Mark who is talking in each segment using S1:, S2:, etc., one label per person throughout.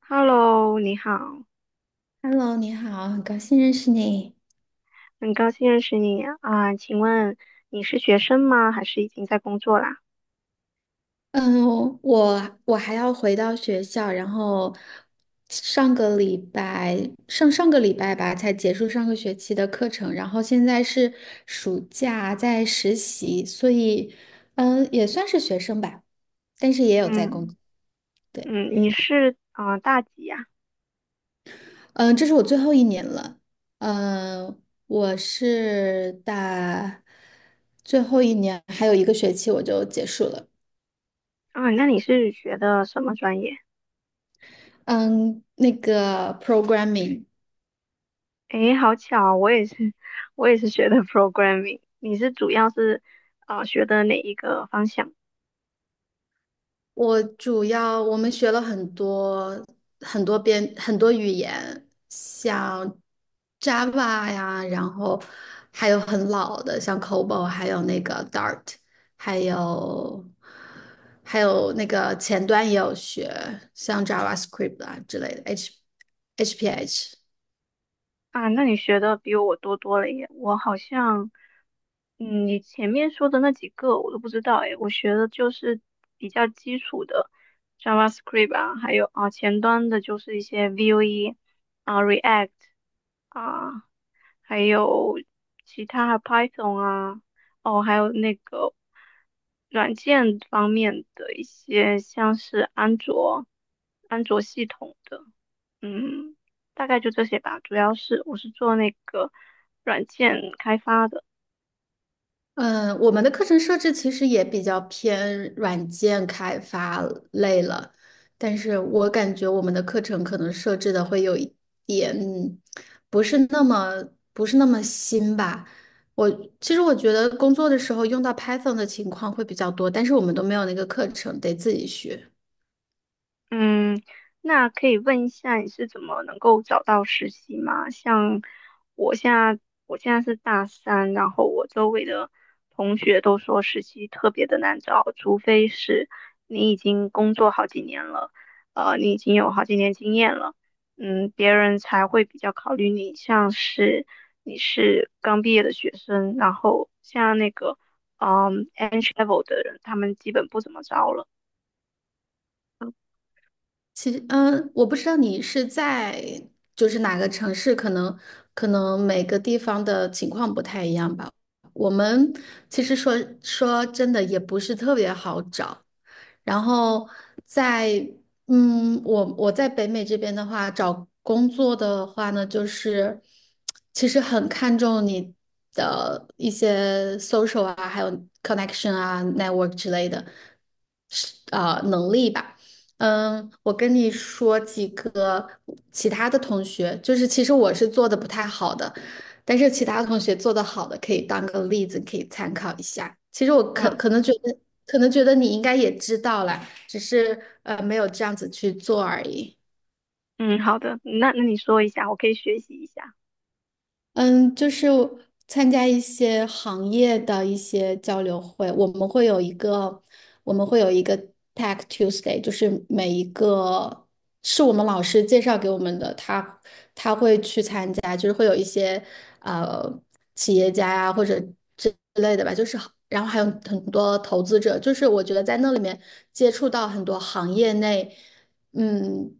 S1: Hello，你好，
S2: Hello，你好，很高兴认识你。
S1: 很高兴认识你啊，请问你是学生吗？还是已经在工作啦？
S2: 嗯，我还要回到学校，然后上个礼拜上上个礼拜吧，才结束上个学期的课程，然后现在是暑假在实习，所以也算是学生吧，但是也有在工
S1: 嗯，
S2: 作。对，
S1: 嗯，你是大几呀？
S2: 嗯，这是我最后一年了。嗯，我是大最后一年，还有一个学期我就结束了。
S1: 啊，那你是学的什么专业？
S2: 嗯，那个 programming，
S1: 诶，好巧啊，我也是，我也是学的 programming。你是主要是学的哪一个方向？
S2: 我主要我们学了很多边，很多语言，像 Java 呀，然后还有很老的像 COBOL，还有那个 Dart，还有还有那个前端也有学，像 JavaScript 啊之类的，HPH。
S1: 啊，那你学的比我多多了耶！我好像，嗯，你前面说的那几个我都不知道诶，我学的就是比较基础的 JavaScript 啊，还有啊前端的就是一些 Vue 啊 React 啊，还有其他还 Python 啊，哦，还有那个软件方面的一些，像是安卓系统的。嗯，大概就这些吧。主要是我是做那个软件开发的。
S2: 嗯，我们的课程设置其实也比较偏软件开发类了，但是我感觉我们的课程可能设置的会有一点不是那么不是那么新吧。我其实我觉得工作的时候用到 Python 的情况会比较多，但是我们都没有那个课程，得自己学。
S1: 嗯，那可以问一下你是怎么能够找到实习吗？像我现在，我现在是大三，然后我周围的同学都说实习特别的难找，除非是你已经工作好几年了，你已经有好几年经验了，嗯，别人才会比较考虑你。像是你是刚毕业的学生，然后像那个嗯 entry level 的人，他们基本不怎么招了。
S2: 其实，我不知道你是在就是哪个城市，可能每个地方的情况不太一样吧。我们其实说真的也不是特别好找，然后在我在北美这边的话，找工作的话呢，就是其实很看重你的一些 social 啊，还有 connection 啊，network 之类的，是啊，能力吧。我跟你说几个其他的同学，就是其实我是做的不太好的，但是其他同学做的好的可以当个例子，可以参考一下。其实我可
S1: 嗯。
S2: 可能觉得，可能觉得你应该也知道啦，只是没有这样子去做而已。
S1: 嗯，好的，那你说一下，我可以学习一下。
S2: 嗯，就是参加一些行业的一些交流会，我们会有一个 Tech Tuesday，就是每一个是我们老师介绍给我们的，他去参加，就是会有一些呃企业家呀、或者之类的吧，就是好然后还有很多投资者，就是我觉得在那里面接触到很多行业内嗯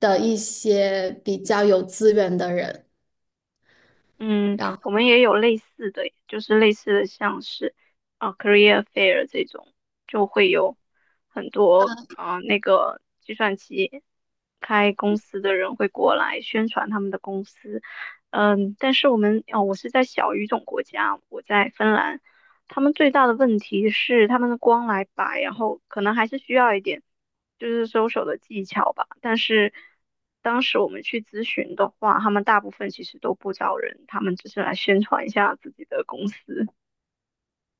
S2: 的一些比较有资源的人，
S1: 嗯，
S2: 然
S1: 我们也有类似的，就是类似的，像是career fair 这种，就会有很多那个计算机开公司的人会过来宣传他们的公司。嗯，但是我们哦，我是在小语种国家，我在芬兰，他们最大的问题是他们的光来白，然后可能还是需要一点就是收手的技巧吧。但是当时我们去咨询的话，他们大部分其实都不招人，他们只是来宣传一下自己的公司。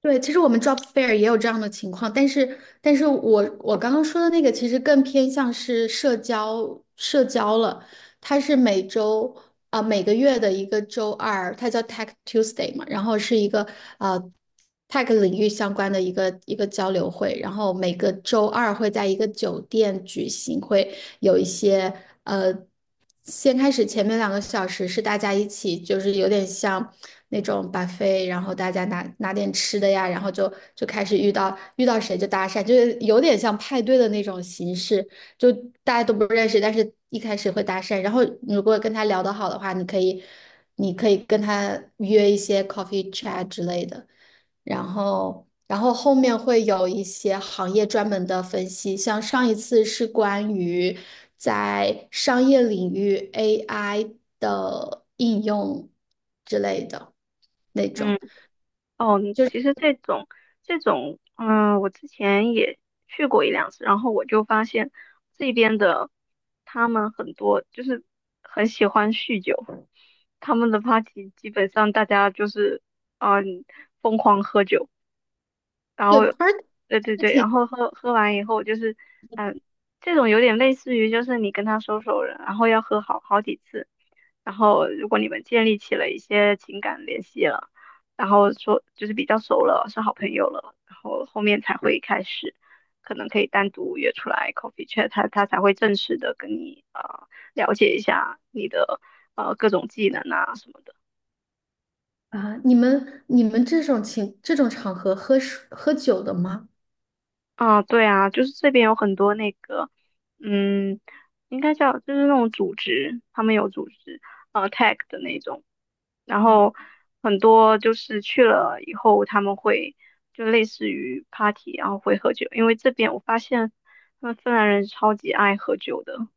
S2: 对，其实我们 job fair 也有这样的情况，但是，我刚刚说的那个其实更偏向是社交社交了，它是每周啊、每个月的一个周二，它叫 Tech Tuesday 嘛，然后是一个呃 Tech 领域相关的一个交流会，然后每个周二会在一个酒店举行，会有一些呃，先开始前面两个小时是大家一起，就是有点像那种 buffet，然后大家拿点吃的呀，然后就开始遇到谁就搭讪，就是有点像派对的那种形式，就大家都不认识，但是一开始会搭讪，然后如果跟他聊得好的话，你可以跟他约一些 coffee chat 之类的。然后后面会有一些行业专门的分析，像上一次是关于在商业领域 AI 的应用之类的那
S1: 嗯。
S2: 种，
S1: 哦，
S2: 就
S1: 其
S2: 是
S1: 实这种，嗯、我之前也去过一两次，然后我就发现这边的他们很多就是很喜欢酗酒，他们的 party 基本上大家就是嗯、疯狂喝酒，然
S2: 对
S1: 后，
S2: party
S1: 对对对，然后喝完以后就是，嗯，这种有点类似于就是你跟他熟了，然后要喝好几次，然后如果你们建立起了一些情感联系了，然后说就是比较熟了，是好朋友了，然后后面才会开始，可能可以单独约出来 coffee chat，他才会正式的跟你了解一下你的各种技能啊什么的。
S2: 啊，你们这种场合喝酒的吗？
S1: 啊，对啊，就是这边有很多那个，嗯，应该叫就是那种组织，他们有组织，tag 的那种，然后很多就是去了以后，他们会就类似于 party，然后会喝酒，因为这边我发现他们芬兰人超级爱喝酒的，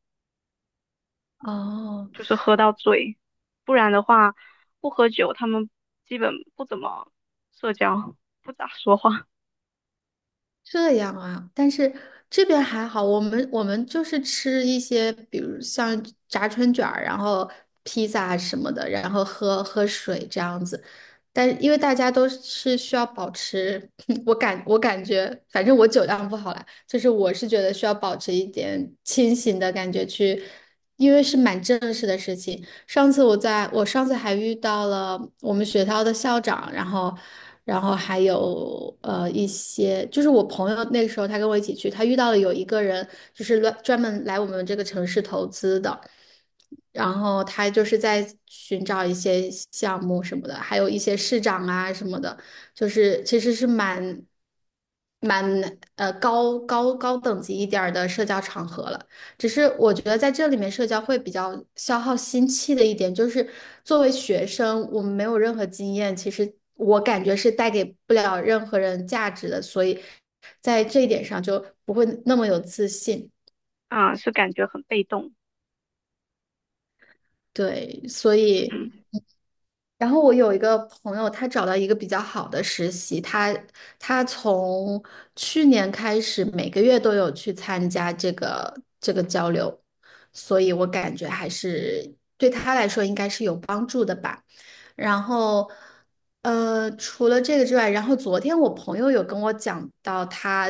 S2: 哦。
S1: 就是喝到醉，不然的话不喝酒，他们基本不怎么社交，不咋说话，
S2: 这样啊，但是这边还好，我们就是吃一些，比如像炸春卷儿，然后披萨什么的，然后喝喝水这样子。但因为大家都是需要保持，我感觉，反正我酒量不好啦，就是我是觉得需要保持一点清醒的感觉去，因为是蛮正式的事情，上次我在我上次还遇到了我们学校的校长，然后，还有一些，就是我朋友那个时候他跟我一起去，他遇到了有一个人就是专门来我们这个城市投资的，然后他就是在寻找一些项目什么的，还有一些市长啊什么的，就是其实是蛮高等级一点儿的社交场合了。只是我觉得在这里面社交会比较消耗心气的一点，就是作为学生，我们没有任何经验，其实我感觉是带给不了任何人价值的，所以在这一点上就不会那么有自信。
S1: 啊，是感觉很被动。
S2: 对，所以。然后我有一个朋友，他找到一个比较好的实习，他从去年开始每个月都有去参加这个交流，所以我感觉还是对他来说应该是有帮助的吧。然后，除了这个之外，然后昨天我朋友有跟我讲到他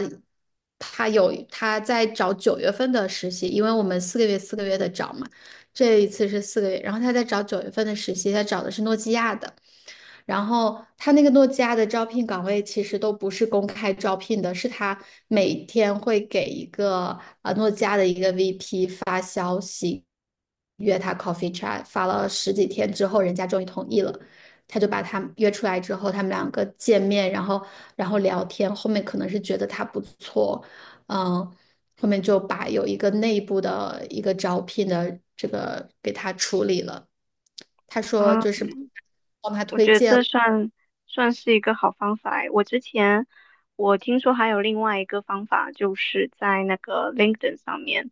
S2: 他有他在找九月份的实习，因为我们四个月四个月的找嘛。这一次是四个月，然后他在找九月份的实习，他找的是诺基亚的，然后他那个诺基亚的招聘岗位其实都不是公开招聘的，是他每天会给一个诺基亚的一个 VP 发消息，约他 coffee chat，发了十几天之后，人家终于同意了，他就把他约出来之后，他们两个见面，然后聊天，后面可能是觉得他不错，嗯，后面就把有一个内部的一个招聘的这个给他处理了，他说就
S1: 嗯
S2: 是帮他
S1: 我
S2: 推
S1: 觉得
S2: 荐。
S1: 这算是一个好方法诶。我之前我听说还有另外一个方法，就是在那个 LinkedIn 上面，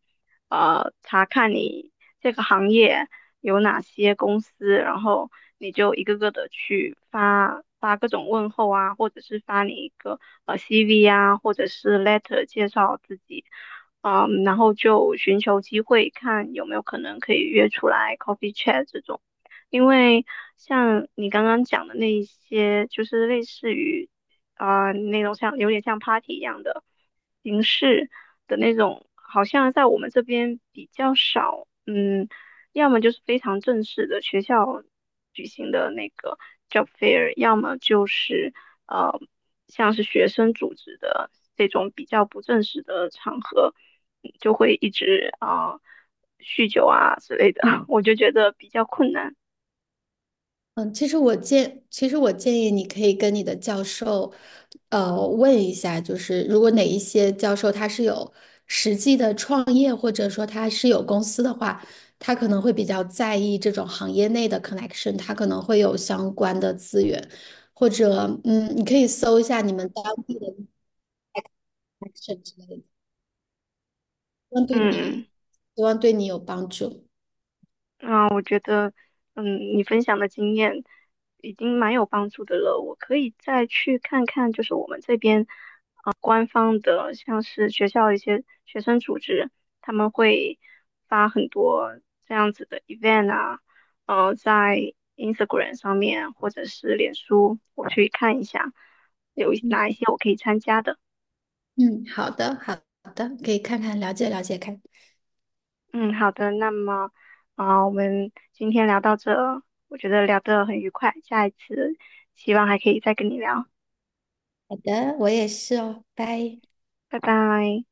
S1: 查看你这个行业有哪些公司，然后你就一个个的去发各种问候啊，或者是发你一个CV 啊，或者是 letter 介绍自己，嗯，然后就寻求机会，看有没有可能可以约出来 coffee chat 这种。因为像你刚刚讲的那一些，就是类似于那种像有点像 party 一样的形式的那种，好像在我们这边比较少。嗯，要么就是非常正式的学校举行的那个 job fair，要么就是呃像是学生组织的这种比较不正式的场合，嗯就会一直酗酒啊之类的，我就觉得比较困难。
S2: 嗯，其实我建议你可以跟你的教授，问一下，就是如果哪一些教授他是有实际的创业，或者说他是有公司的话，他可能会比较在意这种行业内的 connection，他可能会有相关的资源，或者你可以搜一下你们当地的 connection 之类的，望对你，
S1: 嗯，
S2: 希望对你有帮助。
S1: 那我觉得，嗯，你分享的经验已经蛮有帮助的了。我可以再去看看，就是我们这边，官方的，像是学校一些学生组织，他们会发很多这样子的 event 啊，在 Instagram 上面或者是脸书，我去看一下有
S2: 嗯，
S1: 哪一些我可以参加的。
S2: 嗯，好的，好的，可以看看了解了解看。
S1: 嗯，好的，那么我们今天聊到这，我觉得聊得很愉快，下一次希望还可以再跟你聊，
S2: 好的，我也是哦，拜。
S1: 拜拜。